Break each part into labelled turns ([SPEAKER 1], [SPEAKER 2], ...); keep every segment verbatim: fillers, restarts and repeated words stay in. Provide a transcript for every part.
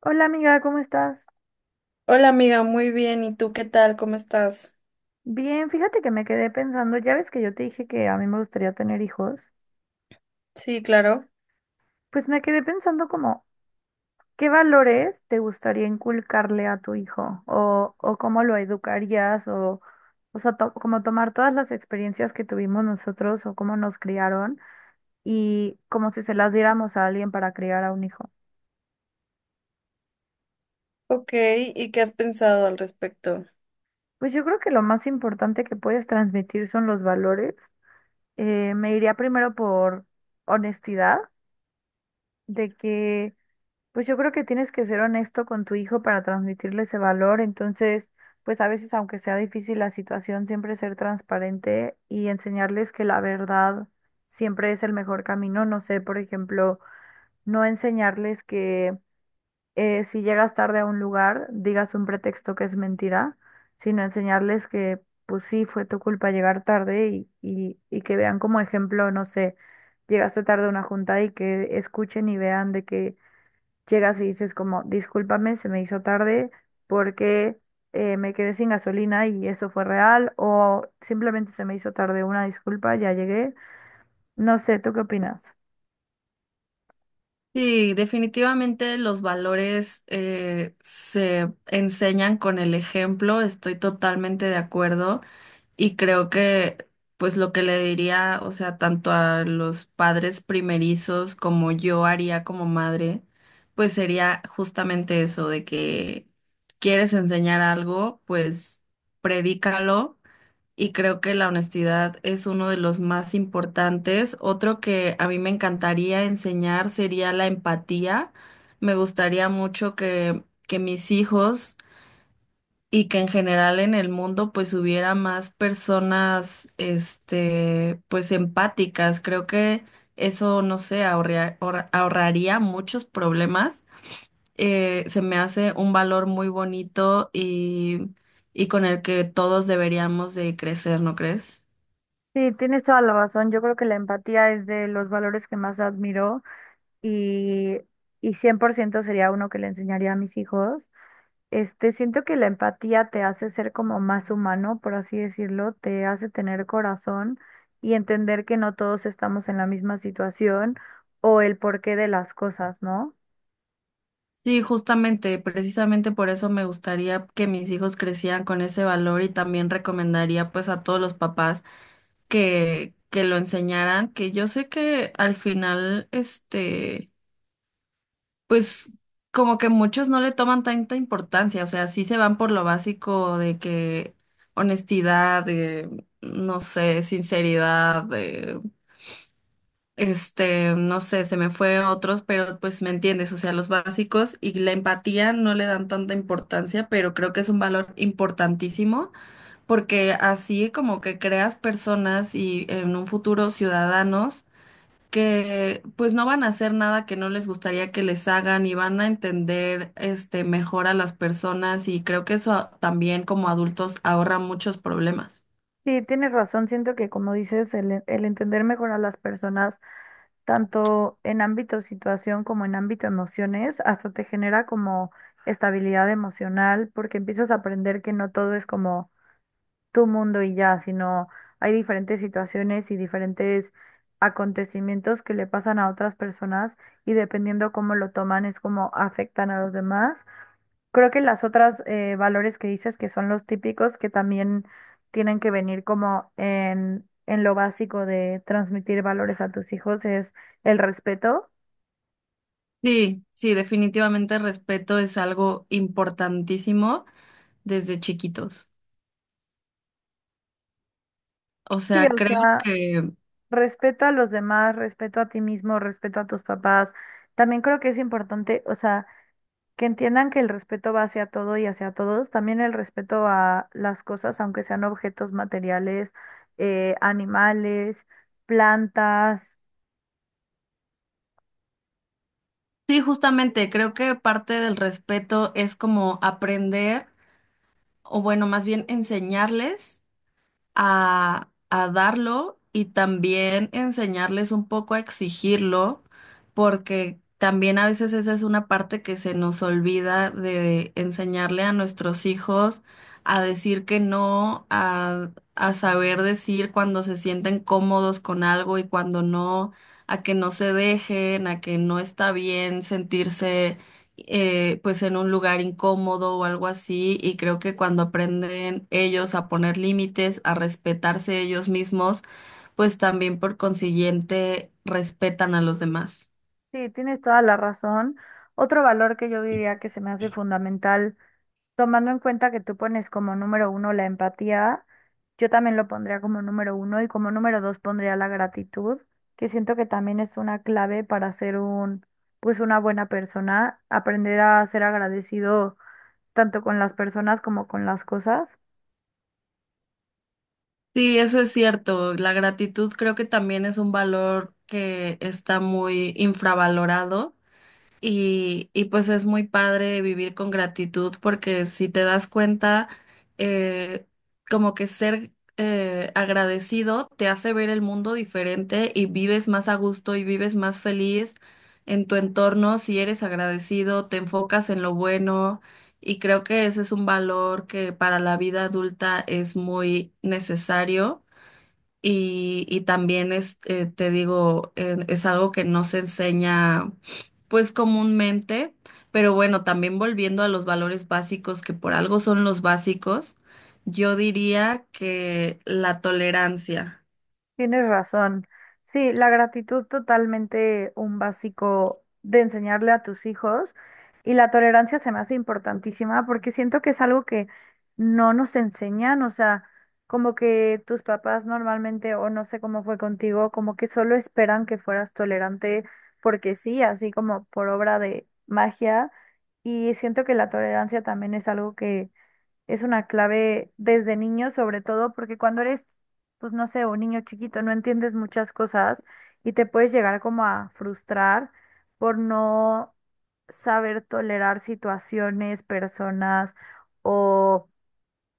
[SPEAKER 1] Hola amiga, ¿cómo estás?
[SPEAKER 2] Hola amiga, muy bien. ¿Y tú qué tal? ¿Cómo estás?
[SPEAKER 1] Bien, fíjate que me quedé pensando, ya ves que yo te dije que a mí me gustaría tener hijos,
[SPEAKER 2] Sí, claro.
[SPEAKER 1] pues me quedé pensando como, ¿qué valores te gustaría inculcarle a tu hijo? O, o cómo lo educarías, o, o sea, to- como tomar todas las experiencias que tuvimos nosotros o cómo nos criaron y como si se las diéramos a alguien para criar a un hijo.
[SPEAKER 2] Ok, ¿y qué has pensado al respecto?
[SPEAKER 1] Pues yo creo que lo más importante que puedes transmitir son los valores. Eh, me iría primero por honestidad, de que pues yo creo que tienes que ser honesto con tu hijo para transmitirle ese valor. Entonces, pues a veces, aunque sea difícil la situación, siempre ser transparente y enseñarles que la verdad siempre es el mejor camino. No sé, por ejemplo, no enseñarles que eh, si llegas tarde a un lugar, digas un pretexto que es mentira, sino enseñarles que, pues sí, fue tu culpa llegar tarde y, y, y que vean como ejemplo, no sé, llegaste tarde a una junta y que escuchen y vean de que llegas y dices como, discúlpame, se me hizo tarde porque eh, me quedé sin gasolina y eso fue real, o simplemente se me hizo tarde, una disculpa, ya llegué. No sé, ¿tú qué opinas?
[SPEAKER 2] Sí, definitivamente los valores eh, se enseñan con el ejemplo, estoy totalmente de acuerdo y creo que pues lo que le diría, o sea, tanto a los padres primerizos como yo haría como madre, pues sería justamente eso de que quieres enseñar algo, pues predícalo. Y creo que la honestidad es uno de los más importantes. Otro que a mí me encantaría enseñar sería la empatía. Me gustaría mucho que, que mis hijos y que en general en el mundo pues hubiera más personas este pues empáticas. Creo que eso, no sé, ahorria- ahor- ahorraría muchos problemas. Eh, se me hace un valor muy bonito y, y con el que todos deberíamos de crecer, ¿no crees?
[SPEAKER 1] Sí, tienes toda la razón. Yo creo que la empatía es de los valores que más admiro y, y cien por ciento sería uno que le enseñaría a mis hijos. Este, siento que la empatía te hace ser como más humano, por así decirlo, te hace tener corazón y entender que no todos estamos en la misma situación o el porqué de las cosas, ¿no?
[SPEAKER 2] Sí, justamente, precisamente por eso me gustaría que mis hijos crecieran con ese valor y también recomendaría pues a todos los papás que, que lo enseñaran, que yo sé que al final, este, pues como que muchos no le toman tanta importancia, o sea, sí se van por lo básico de que honestidad, de, no sé, sinceridad, este, no sé, se me fue otros, pero pues me entiendes, o sea, los básicos y la empatía no le dan tanta importancia, pero creo que es un valor importantísimo porque así como que creas personas y en un futuro ciudadanos que pues no van a hacer nada que no les gustaría que les hagan y van a entender este mejor a las personas y creo que eso también como adultos ahorra muchos problemas.
[SPEAKER 1] Sí, tienes razón, siento que como dices, el, el entender mejor a las personas, tanto en ámbito situación como en ámbito emociones, hasta te genera como estabilidad emocional, porque empiezas a aprender que no todo es como tu mundo y ya, sino hay diferentes situaciones y diferentes acontecimientos que le pasan a otras personas y dependiendo cómo lo toman es como afectan a los demás. Creo que las otras eh, valores que dices que son los típicos que también tienen que venir como en, en lo básico de transmitir valores a tus hijos es el respeto.
[SPEAKER 2] Sí, sí, definitivamente el respeto es algo importantísimo. Desde chiquitos. O
[SPEAKER 1] Sí,
[SPEAKER 2] sea,
[SPEAKER 1] o
[SPEAKER 2] creo
[SPEAKER 1] sea,
[SPEAKER 2] que,
[SPEAKER 1] respeto a los demás, respeto a ti mismo, respeto a tus papás. También creo que es importante, o sea, que entiendan que el respeto va hacia todo y hacia todos, también el respeto a las cosas, aunque sean objetos materiales, eh, animales, plantas.
[SPEAKER 2] sí, justamente, creo que parte del respeto es como aprender, o bueno, más bien enseñarles. A, a darlo y también enseñarles un poco a exigirlo, porque también a veces esa es una parte que se nos olvida de enseñarle a nuestros hijos a decir que no, a, a saber decir cuando se sienten cómodos con algo y cuando no, a que no se dejen, a que no está bien sentirse eh, pues en un lugar incómodo o algo así, y creo que cuando aprenden ellos a poner límites, a respetarse ellos mismos, pues también por consiguiente respetan a los demás.
[SPEAKER 1] Sí, tienes toda la razón. Otro valor que yo diría que se me hace fundamental, tomando en cuenta que tú pones como número uno la empatía, yo también lo pondría como número uno y como número dos pondría la gratitud, que siento que también es una clave para ser un, pues una buena persona, aprender a ser agradecido tanto con las personas como con las cosas.
[SPEAKER 2] Sí, eso es cierto. La gratitud creo que también es un valor que está muy infravalorado. Y, y pues es muy padre vivir con gratitud porque si te das cuenta, eh, como que ser eh, agradecido te hace ver el mundo diferente y vives más a gusto y vives más feliz en tu entorno si eres agradecido, te enfocas en lo bueno y creo que ese es un valor que para la vida adulta es muy necesario y, y también es, eh, te digo, eh, es algo que no se enseña pues comúnmente, pero bueno, también volviendo a los valores básicos, que por algo son los básicos, yo diría que la tolerancia.
[SPEAKER 1] Tienes razón. Sí, la gratitud totalmente un básico de enseñarle a tus hijos y la tolerancia se me hace importantísima porque siento que es algo que no nos enseñan, o sea, como que tus papás normalmente, o no sé cómo fue contigo, como que solo esperan que fueras tolerante porque sí, así como por obra de magia. Y siento que la tolerancia también es algo que es una clave desde niño, sobre todo porque cuando eres, pues no sé, un niño chiquito, no entiendes muchas cosas y te puedes llegar como a frustrar por no saber tolerar situaciones, personas o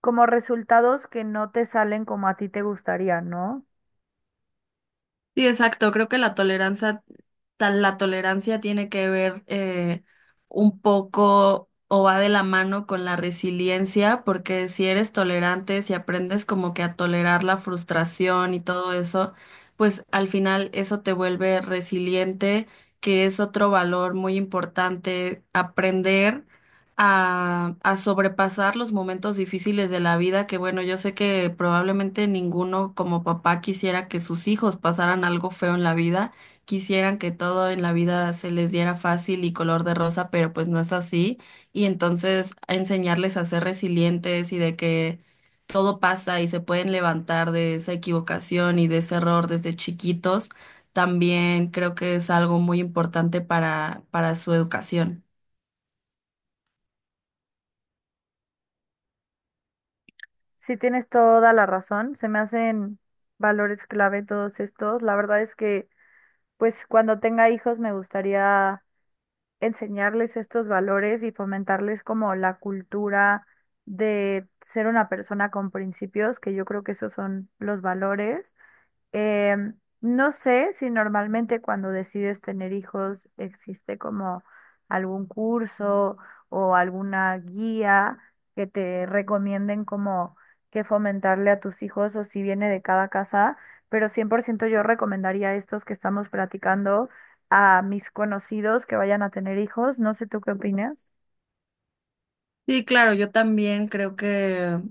[SPEAKER 1] como resultados que no te salen como a ti te gustaría, ¿no?
[SPEAKER 2] Sí, exacto. Creo que la tolerancia, tal, la tolerancia tiene que ver eh, un poco o va de la mano con la resiliencia, porque si eres tolerante, si aprendes como que a tolerar la frustración y todo eso, pues al final eso te vuelve resiliente, que es otro valor muy importante aprender a, a sobrepasar los momentos difíciles de la vida, que bueno, yo sé que probablemente ninguno como papá quisiera que sus hijos pasaran algo feo en la vida, quisieran que todo en la vida se les diera fácil y color de rosa, pero pues no es así. Y entonces enseñarles a ser resilientes y de que todo pasa y se pueden levantar de esa equivocación y de ese error desde chiquitos, también creo que es algo muy importante para, para su educación.
[SPEAKER 1] Sí, tienes toda la razón, se me hacen valores clave todos estos. La verdad es que, pues cuando tenga hijos me gustaría enseñarles estos valores y fomentarles como la cultura de ser una persona con principios, que yo creo que esos son los valores. Em, no sé si normalmente cuando decides tener hijos existe como algún curso o alguna guía que te recomienden como que fomentarle a tus hijos o si viene de cada casa, pero cien por ciento yo recomendaría estos que estamos platicando a mis conocidos que vayan a tener hijos. No sé tú qué opinas.
[SPEAKER 2] Sí, claro, yo también creo que,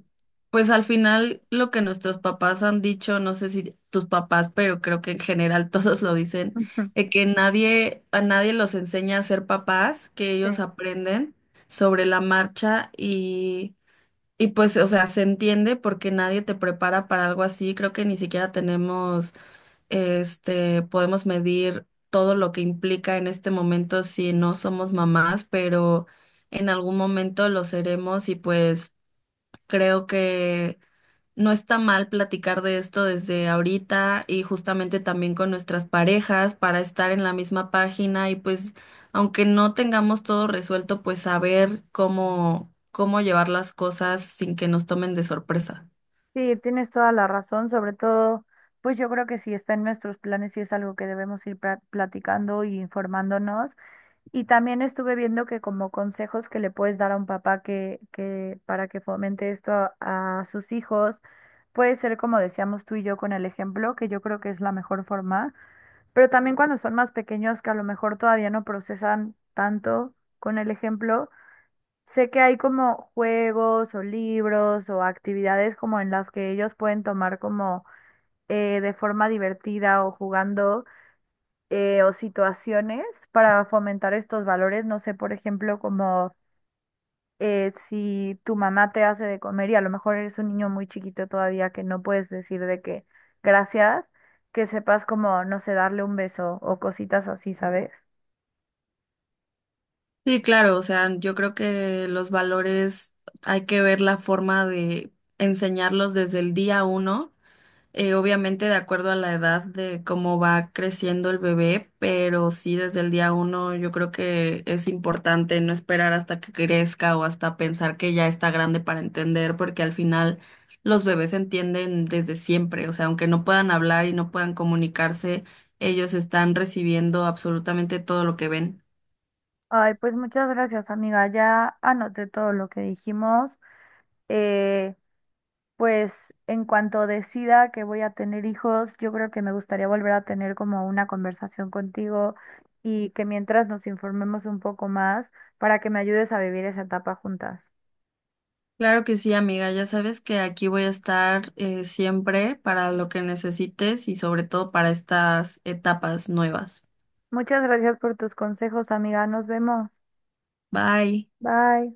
[SPEAKER 2] pues al final lo que nuestros papás han dicho, no sé si tus papás, pero creo que en general todos lo dicen, de que nadie, a nadie los enseña a ser papás, que
[SPEAKER 1] Sí.
[SPEAKER 2] ellos aprenden sobre la marcha y, y pues, o sea, se entiende porque nadie te prepara para algo así. Creo que ni siquiera tenemos este, podemos medir todo lo que implica en este momento si no somos mamás, pero en algún momento lo seremos y pues creo que no está mal platicar de esto desde ahorita y justamente también con nuestras parejas para estar en la misma página y pues aunque no tengamos todo resuelto, pues saber cómo cómo llevar las cosas sin que nos tomen de sorpresa.
[SPEAKER 1] Sí, tienes toda la razón, sobre todo, pues yo creo que sí está en nuestros planes y es algo que debemos ir pra- platicando y informándonos. Y también estuve viendo que como consejos que le puedes dar a un papá que, que para que fomente esto a, a sus hijos, puede ser como decíamos tú y yo con el ejemplo, que yo creo que es la mejor forma, pero también cuando son más pequeños que a lo mejor todavía no procesan tanto con el ejemplo. Sé que hay como juegos o libros o actividades como en las que ellos pueden tomar como eh, de forma divertida o jugando, eh, o situaciones para fomentar estos valores. No sé, por ejemplo, como eh, si tu mamá te hace de comer y a lo mejor eres un niño muy chiquito todavía que no puedes decir de que gracias, que sepas como, no sé, darle un beso o cositas así, ¿sabes?
[SPEAKER 2] Sí, claro, o sea, yo creo que los valores hay que ver la forma de enseñarlos desde el día uno, eh, obviamente de acuerdo a la edad de cómo va creciendo el bebé, pero sí desde el día uno yo creo que es importante no esperar hasta que crezca o hasta pensar que ya está grande para entender, porque al final los bebés entienden desde siempre, o sea, aunque no puedan hablar y no puedan comunicarse, ellos están recibiendo absolutamente todo lo que ven.
[SPEAKER 1] Ay, pues muchas gracias, amiga. Ya anoté todo lo que dijimos. Eh, Pues en cuanto decida que voy a tener hijos, yo creo que me gustaría volver a tener como una conversación contigo y que mientras nos informemos un poco más para que me ayudes a vivir esa etapa juntas.
[SPEAKER 2] Claro que sí, amiga. Ya sabes que aquí voy a estar eh, siempre para lo que necesites y sobre todo para estas etapas nuevas.
[SPEAKER 1] Muchas gracias por tus consejos, amiga. Nos vemos.
[SPEAKER 2] Bye.
[SPEAKER 1] Bye.